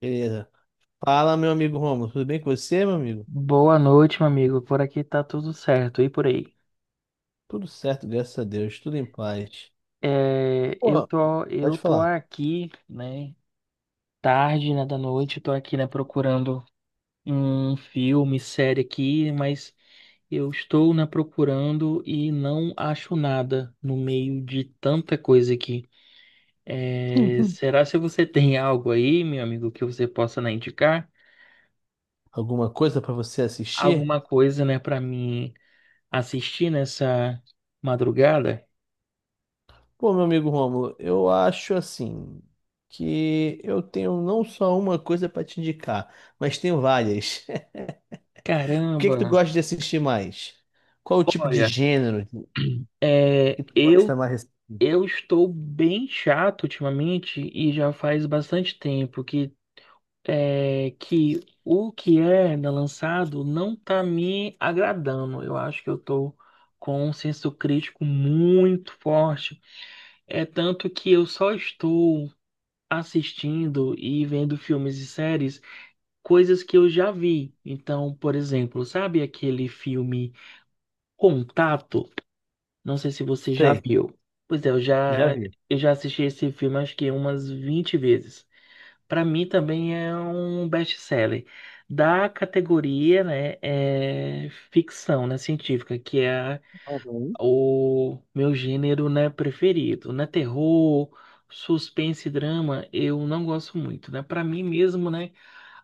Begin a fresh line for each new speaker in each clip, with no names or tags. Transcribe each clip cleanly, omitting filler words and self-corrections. Beleza. Fala, meu amigo Romulo. Tudo bem com você, meu amigo?
Boa noite, meu amigo. Por aqui tá tudo certo. E por aí?
Tudo certo, graças a Deus. Tudo em paz.
É, eu
Pô,
tô, eu
pode
tô
falar.
aqui, né? Tarde, né, da noite. Eu tô aqui, né, procurando um filme, série aqui, mas eu estou, né, procurando e não acho nada no meio de tanta coisa aqui. É, será se você tem algo aí, meu amigo, que você possa, né, indicar?
Alguma coisa pra você assistir?
Alguma coisa, né, para mim assistir nessa madrugada?
Pô, meu amigo Romulo, eu acho assim que eu tenho não só uma coisa pra te indicar, mas tenho várias. O que
Caramba!
que tu gosta de assistir mais? Qual o tipo de
Olha.
gênero
É,
que tu gosta
eu,
mais?
eu estou bem chato ultimamente e já faz bastante tempo que o que é lançado não está me agradando. Eu acho que eu estou com um senso crítico muito forte. É tanto que eu só estou assistindo e vendo filmes e séries, coisas que eu já vi. Então, por exemplo, sabe aquele filme Contato? Não sei se você já
Sei,
viu. Pois é, eu
já
já,
vi.
eu já assisti esse filme acho que umas 20 vezes. Para mim também é um best-seller da categoria, né, é ficção, né, científica, que é
Uhum.
o meu gênero, né, preferido, né, terror, suspense e drama, eu não gosto muito, né? Para mim mesmo, né,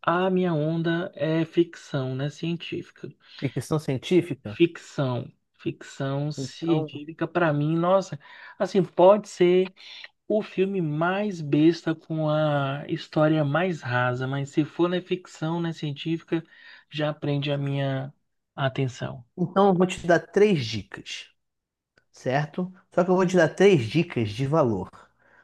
a minha onda é ficção, né, científica.
Ficção científica?
Ficção. Ficção
Então,
científica, pra mim, nossa, assim, pode ser o filme mais besta com a história mais rasa, mas se for na ficção, na científica, já prende a minha atenção.
então eu vou te dar três dicas. Certo? Só que eu vou te dar três dicas de valor.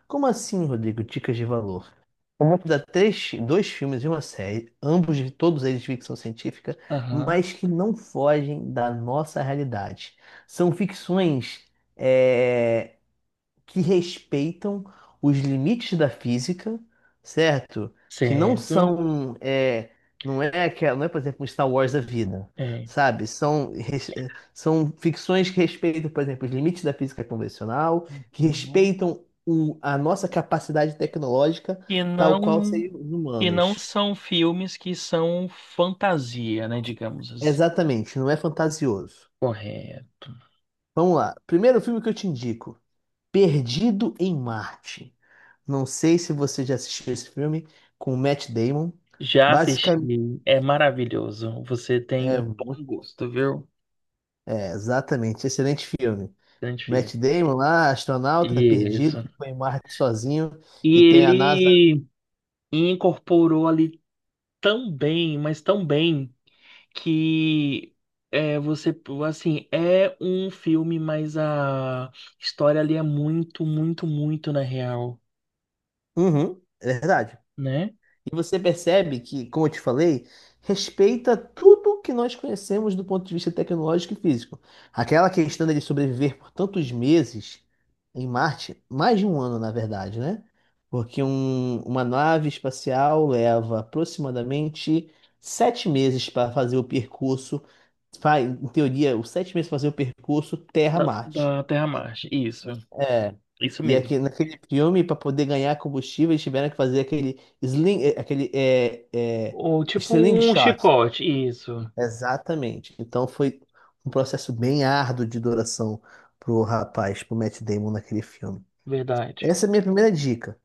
Como assim, Rodrigo? Dicas de valor? Eu vou te dar três, dois filmes e uma série, ambos de todos eles de ficção científica,
Aham,
mas que não fogem da nossa realidade. São ficções é, que respeitam os limites da física, certo? Que não
certo.
são, não é que não é, por exemplo, um Star Wars da vida,
É.
sabe? São, são ficções que respeitam, por exemplo, os limites da física convencional, que
Uhum.
respeitam a nossa capacidade tecnológica,
E
tal qual
não,
seres
e não
humanos.
são filmes que são fantasia, né, digamos assim.
Exatamente, não é fantasioso.
Correto.
Vamos lá. Primeiro filme que eu te indico: Perdido em Marte. Não sei se você já assistiu esse filme com o Matt Damon.
Já
Basicamente,
assisti, é maravilhoso. Você tem um
é,
bom gosto, viu?
exatamente, excelente filme.
Identifica.
Matt Damon lá, astronauta perdido,
Isso.
ficou em Marte sozinho
E
e tem a NASA.
ele incorporou ali tão bem, mas tão bem, que é, você, assim, é um filme, mas a história ali é muito, muito, muito na real,
Uhum, é verdade.
né?
E você percebe que, como eu te falei, respeita tudo que nós conhecemos do ponto de vista tecnológico e físico. Aquela questão dele sobreviver por tantos meses em Marte, mais de um ano, na verdade, né? Porque uma nave espacial leva aproximadamente sete meses para fazer o percurso, em teoria, os sete meses para fazer o percurso
Da,
Terra-Marte.
da Terra-Marte, isso,
É.
isso
E aqui,
mesmo.
naquele filme, para poder ganhar combustível, eles tiveram que fazer aquele sling, é,
Ou tipo um
slingshot.
chicote, isso,
Exatamente. Então foi um processo bem árduo de duração pro rapaz, pro Matt Damon naquele filme.
verdade.
Essa é a minha primeira dica.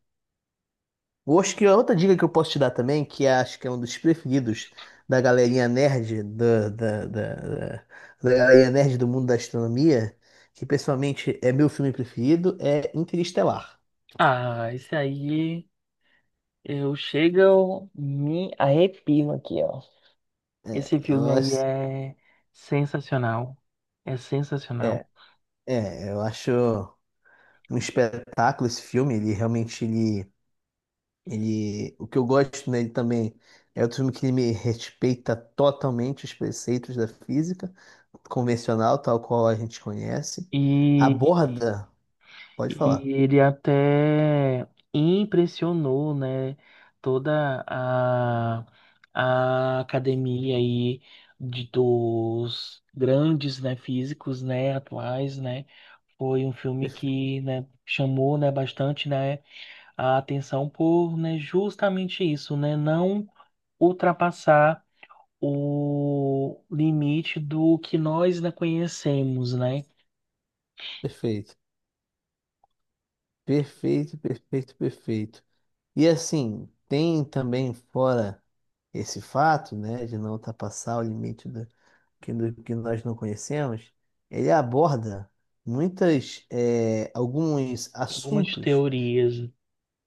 Eu acho que a outra dica que eu posso te dar também, que acho que é um dos preferidos da galerinha nerd, da galerinha nerd do mundo da astronomia, que pessoalmente é meu filme preferido, é Interestelar.
Ah, esse aí, eu chego, me arrepio aqui, ó. Esse filme aí é sensacional. É sensacional.
É, eu acho um espetáculo esse filme. Ele realmente, o que eu gosto nele também é outro filme que ele me respeita totalmente os preceitos da física convencional, tal qual a gente conhece.
E,
Aborda, pode falar.
e ele até impressionou, né, toda a academia aí de, dos grandes, né, físicos, né, atuais, né. Foi um filme
Perfe-
que, né, chamou, né, bastante, né, a atenção por, né, justamente isso, né, não ultrapassar o limite do que nós ainda conhecemos, né?
Perfeito, perfeito. E assim, tem também fora esse fato, né, de não ultrapassar o limite que, que nós não conhecemos, ele aborda muitas, alguns
Algumas
assuntos
teorias,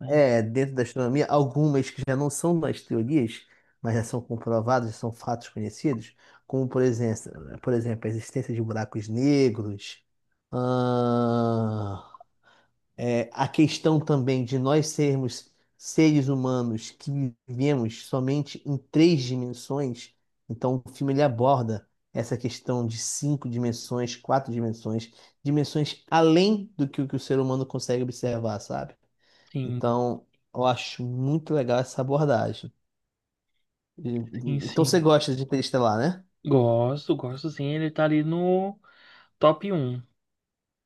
né?
dentro da astronomia, algumas que já não são mais teorias, mas já são comprovadas, já são fatos conhecidos, como, por exemplo, a existência de buracos negros, a questão também de nós sermos seres humanos que vivemos somente em três dimensões, então o filme ele aborda essa questão de cinco dimensões, quatro dimensões, dimensões além do que o ser humano consegue observar, sabe?
Sim,
Então, eu acho muito legal essa abordagem. E-
sim,
Então você
sim.
gosta de Interestelar, né?
Gosto, gosto sim. Ele tá ali no top um.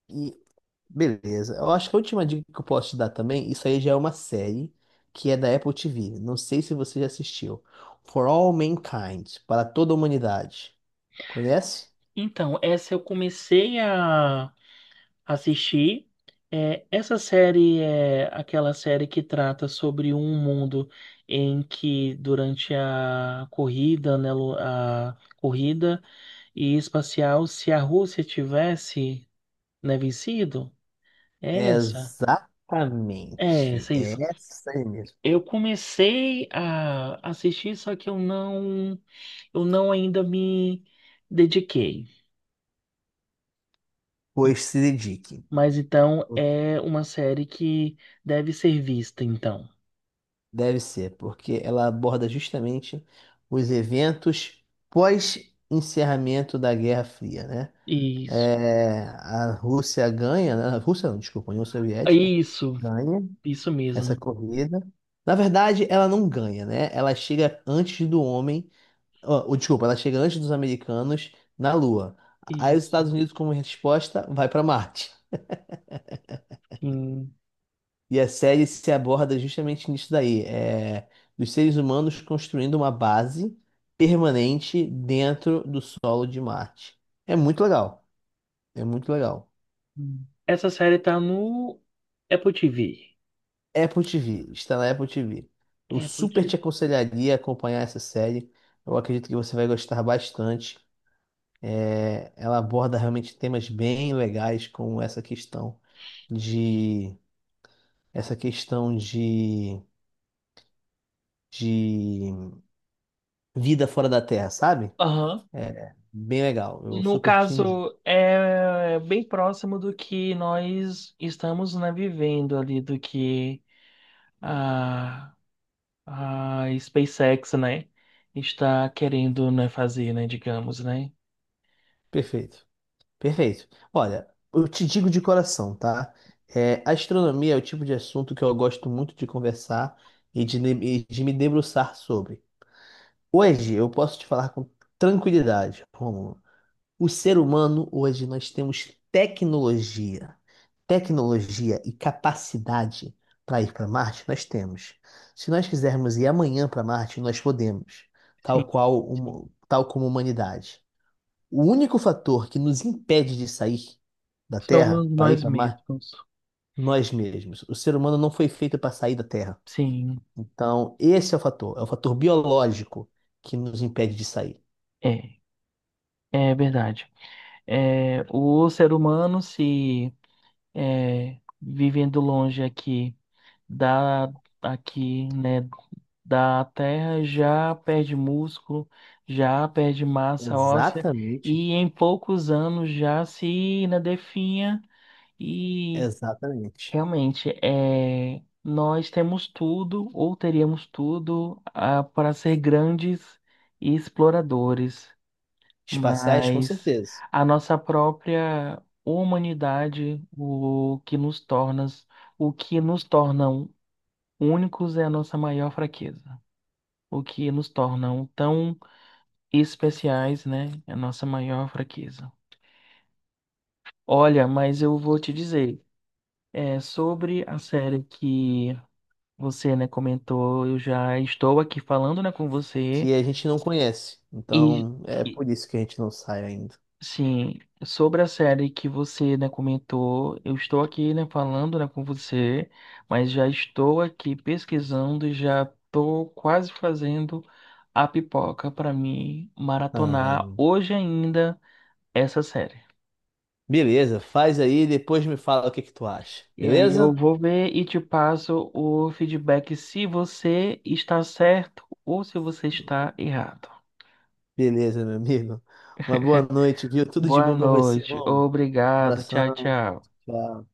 E beleza. Eu acho que a última dica que eu posso te dar também, isso aí já é uma série que é da Apple TV. Não sei se você já assistiu. For All Mankind, para toda a humanidade. Conhece?
Então, essa eu comecei a assistir. É, essa série é aquela série que trata sobre um mundo em que durante a corrida, né, a corrida e espacial, se a Rússia tivesse, né, vencido, É Essa, é
Exatamente.
essa,
É
isso.
essa aí mesmo.
Eu comecei a assistir, só que eu não ainda me dediquei.
Pois se dedique.
Mas então
O que
é uma série que deve ser vista, então.
deve ser, porque ela aborda justamente os eventos pós-encerramento da Guerra Fria, né?
Isso,
É, a Rússia ganha, né? A Rússia não, desculpa, a União Soviética
isso,
ganha
isso
essa
mesmo.
corrida. Na verdade, ela não ganha, né? Ela chega antes do homem, ó, ou, desculpa, ela chega antes dos americanos na Lua. Aí os
Isso,
Estados Unidos, como resposta, vai para Marte.
sim.
E a série se aborda justamente nisso daí, é, dos seres humanos construindo uma base permanente dentro do solo de Marte. É muito legal, é muito legal.
Essa série tá no Apple TV.
Apple TV, está na Apple TV. Eu
Apple
super
TV.
te aconselharia a acompanhar essa série. Eu acredito que você vai gostar bastante. É, ela aborda realmente temas bem legais como essa questão de essa questão de, de vida fora da Terra, sabe?
Aham.
É bem legal. Eu
No
super te indico.
caso, é bem próximo do que nós estamos, né, vivendo ali, do que a, a SpaceX, né, está querendo, né, fazer, né, digamos, né?
Perfeito. Perfeito. Olha, eu te digo de coração, tá? É, astronomia é o tipo de assunto que eu gosto muito de conversar e de, ne- e de me debruçar sobre. Hoje eu posso te falar com tranquilidade, Rômulo. O ser humano, hoje, nós temos tecnologia, tecnologia e capacidade para ir para Marte, nós temos. Se nós quisermos ir amanhã para Marte, nós podemos, tal
Sim,
qual, tal como a humanidade. O único fator que nos impede de sair da
somos
Terra para ir
nós
para Marte,
mesmos.
nós mesmos. O ser humano não foi feito para sair da Terra.
Sim,
Então, esse é o fator biológico que nos impede de sair.
é, é, verdade. É, o ser humano se é, vivendo longe aqui da aqui, né, da Terra já perde músculo, já perde massa óssea
Exatamente,
e em poucos anos já se, né, definha e
exatamente.
realmente, é, nós temos tudo, ou teríamos tudo, para ser grandes exploradores,
Espaciais, com
mas
certeza.
a nossa própria humanidade, o que nos torna, o que nos tornam únicos é a nossa maior fraqueza. O que nos tornam tão especiais, né, é a nossa maior fraqueza. Olha, mas eu vou te dizer, sobre a série que você, né, comentou, eu já estou aqui falando, né, com você
Que a gente não conhece.
e,
Então, é
e,
por isso que a gente não sai ainda.
sim, sobre a série que você, né, comentou, eu estou aqui, né, falando, né, com você, mas já estou aqui pesquisando e já estou quase fazendo a pipoca para mim maratonar
Ah,
hoje ainda essa série.
beleza, faz aí, depois me fala o que que tu acha.
E aí eu
Beleza?
vou ver e te passo o feedback se você está certo ou se você está errado.
Beleza, meu amigo. Uma boa noite, viu? Tudo de
Boa
bom pra você,
noite.
irmão.
Obrigado. Tchau,
Abração.
tchau.
Tchau.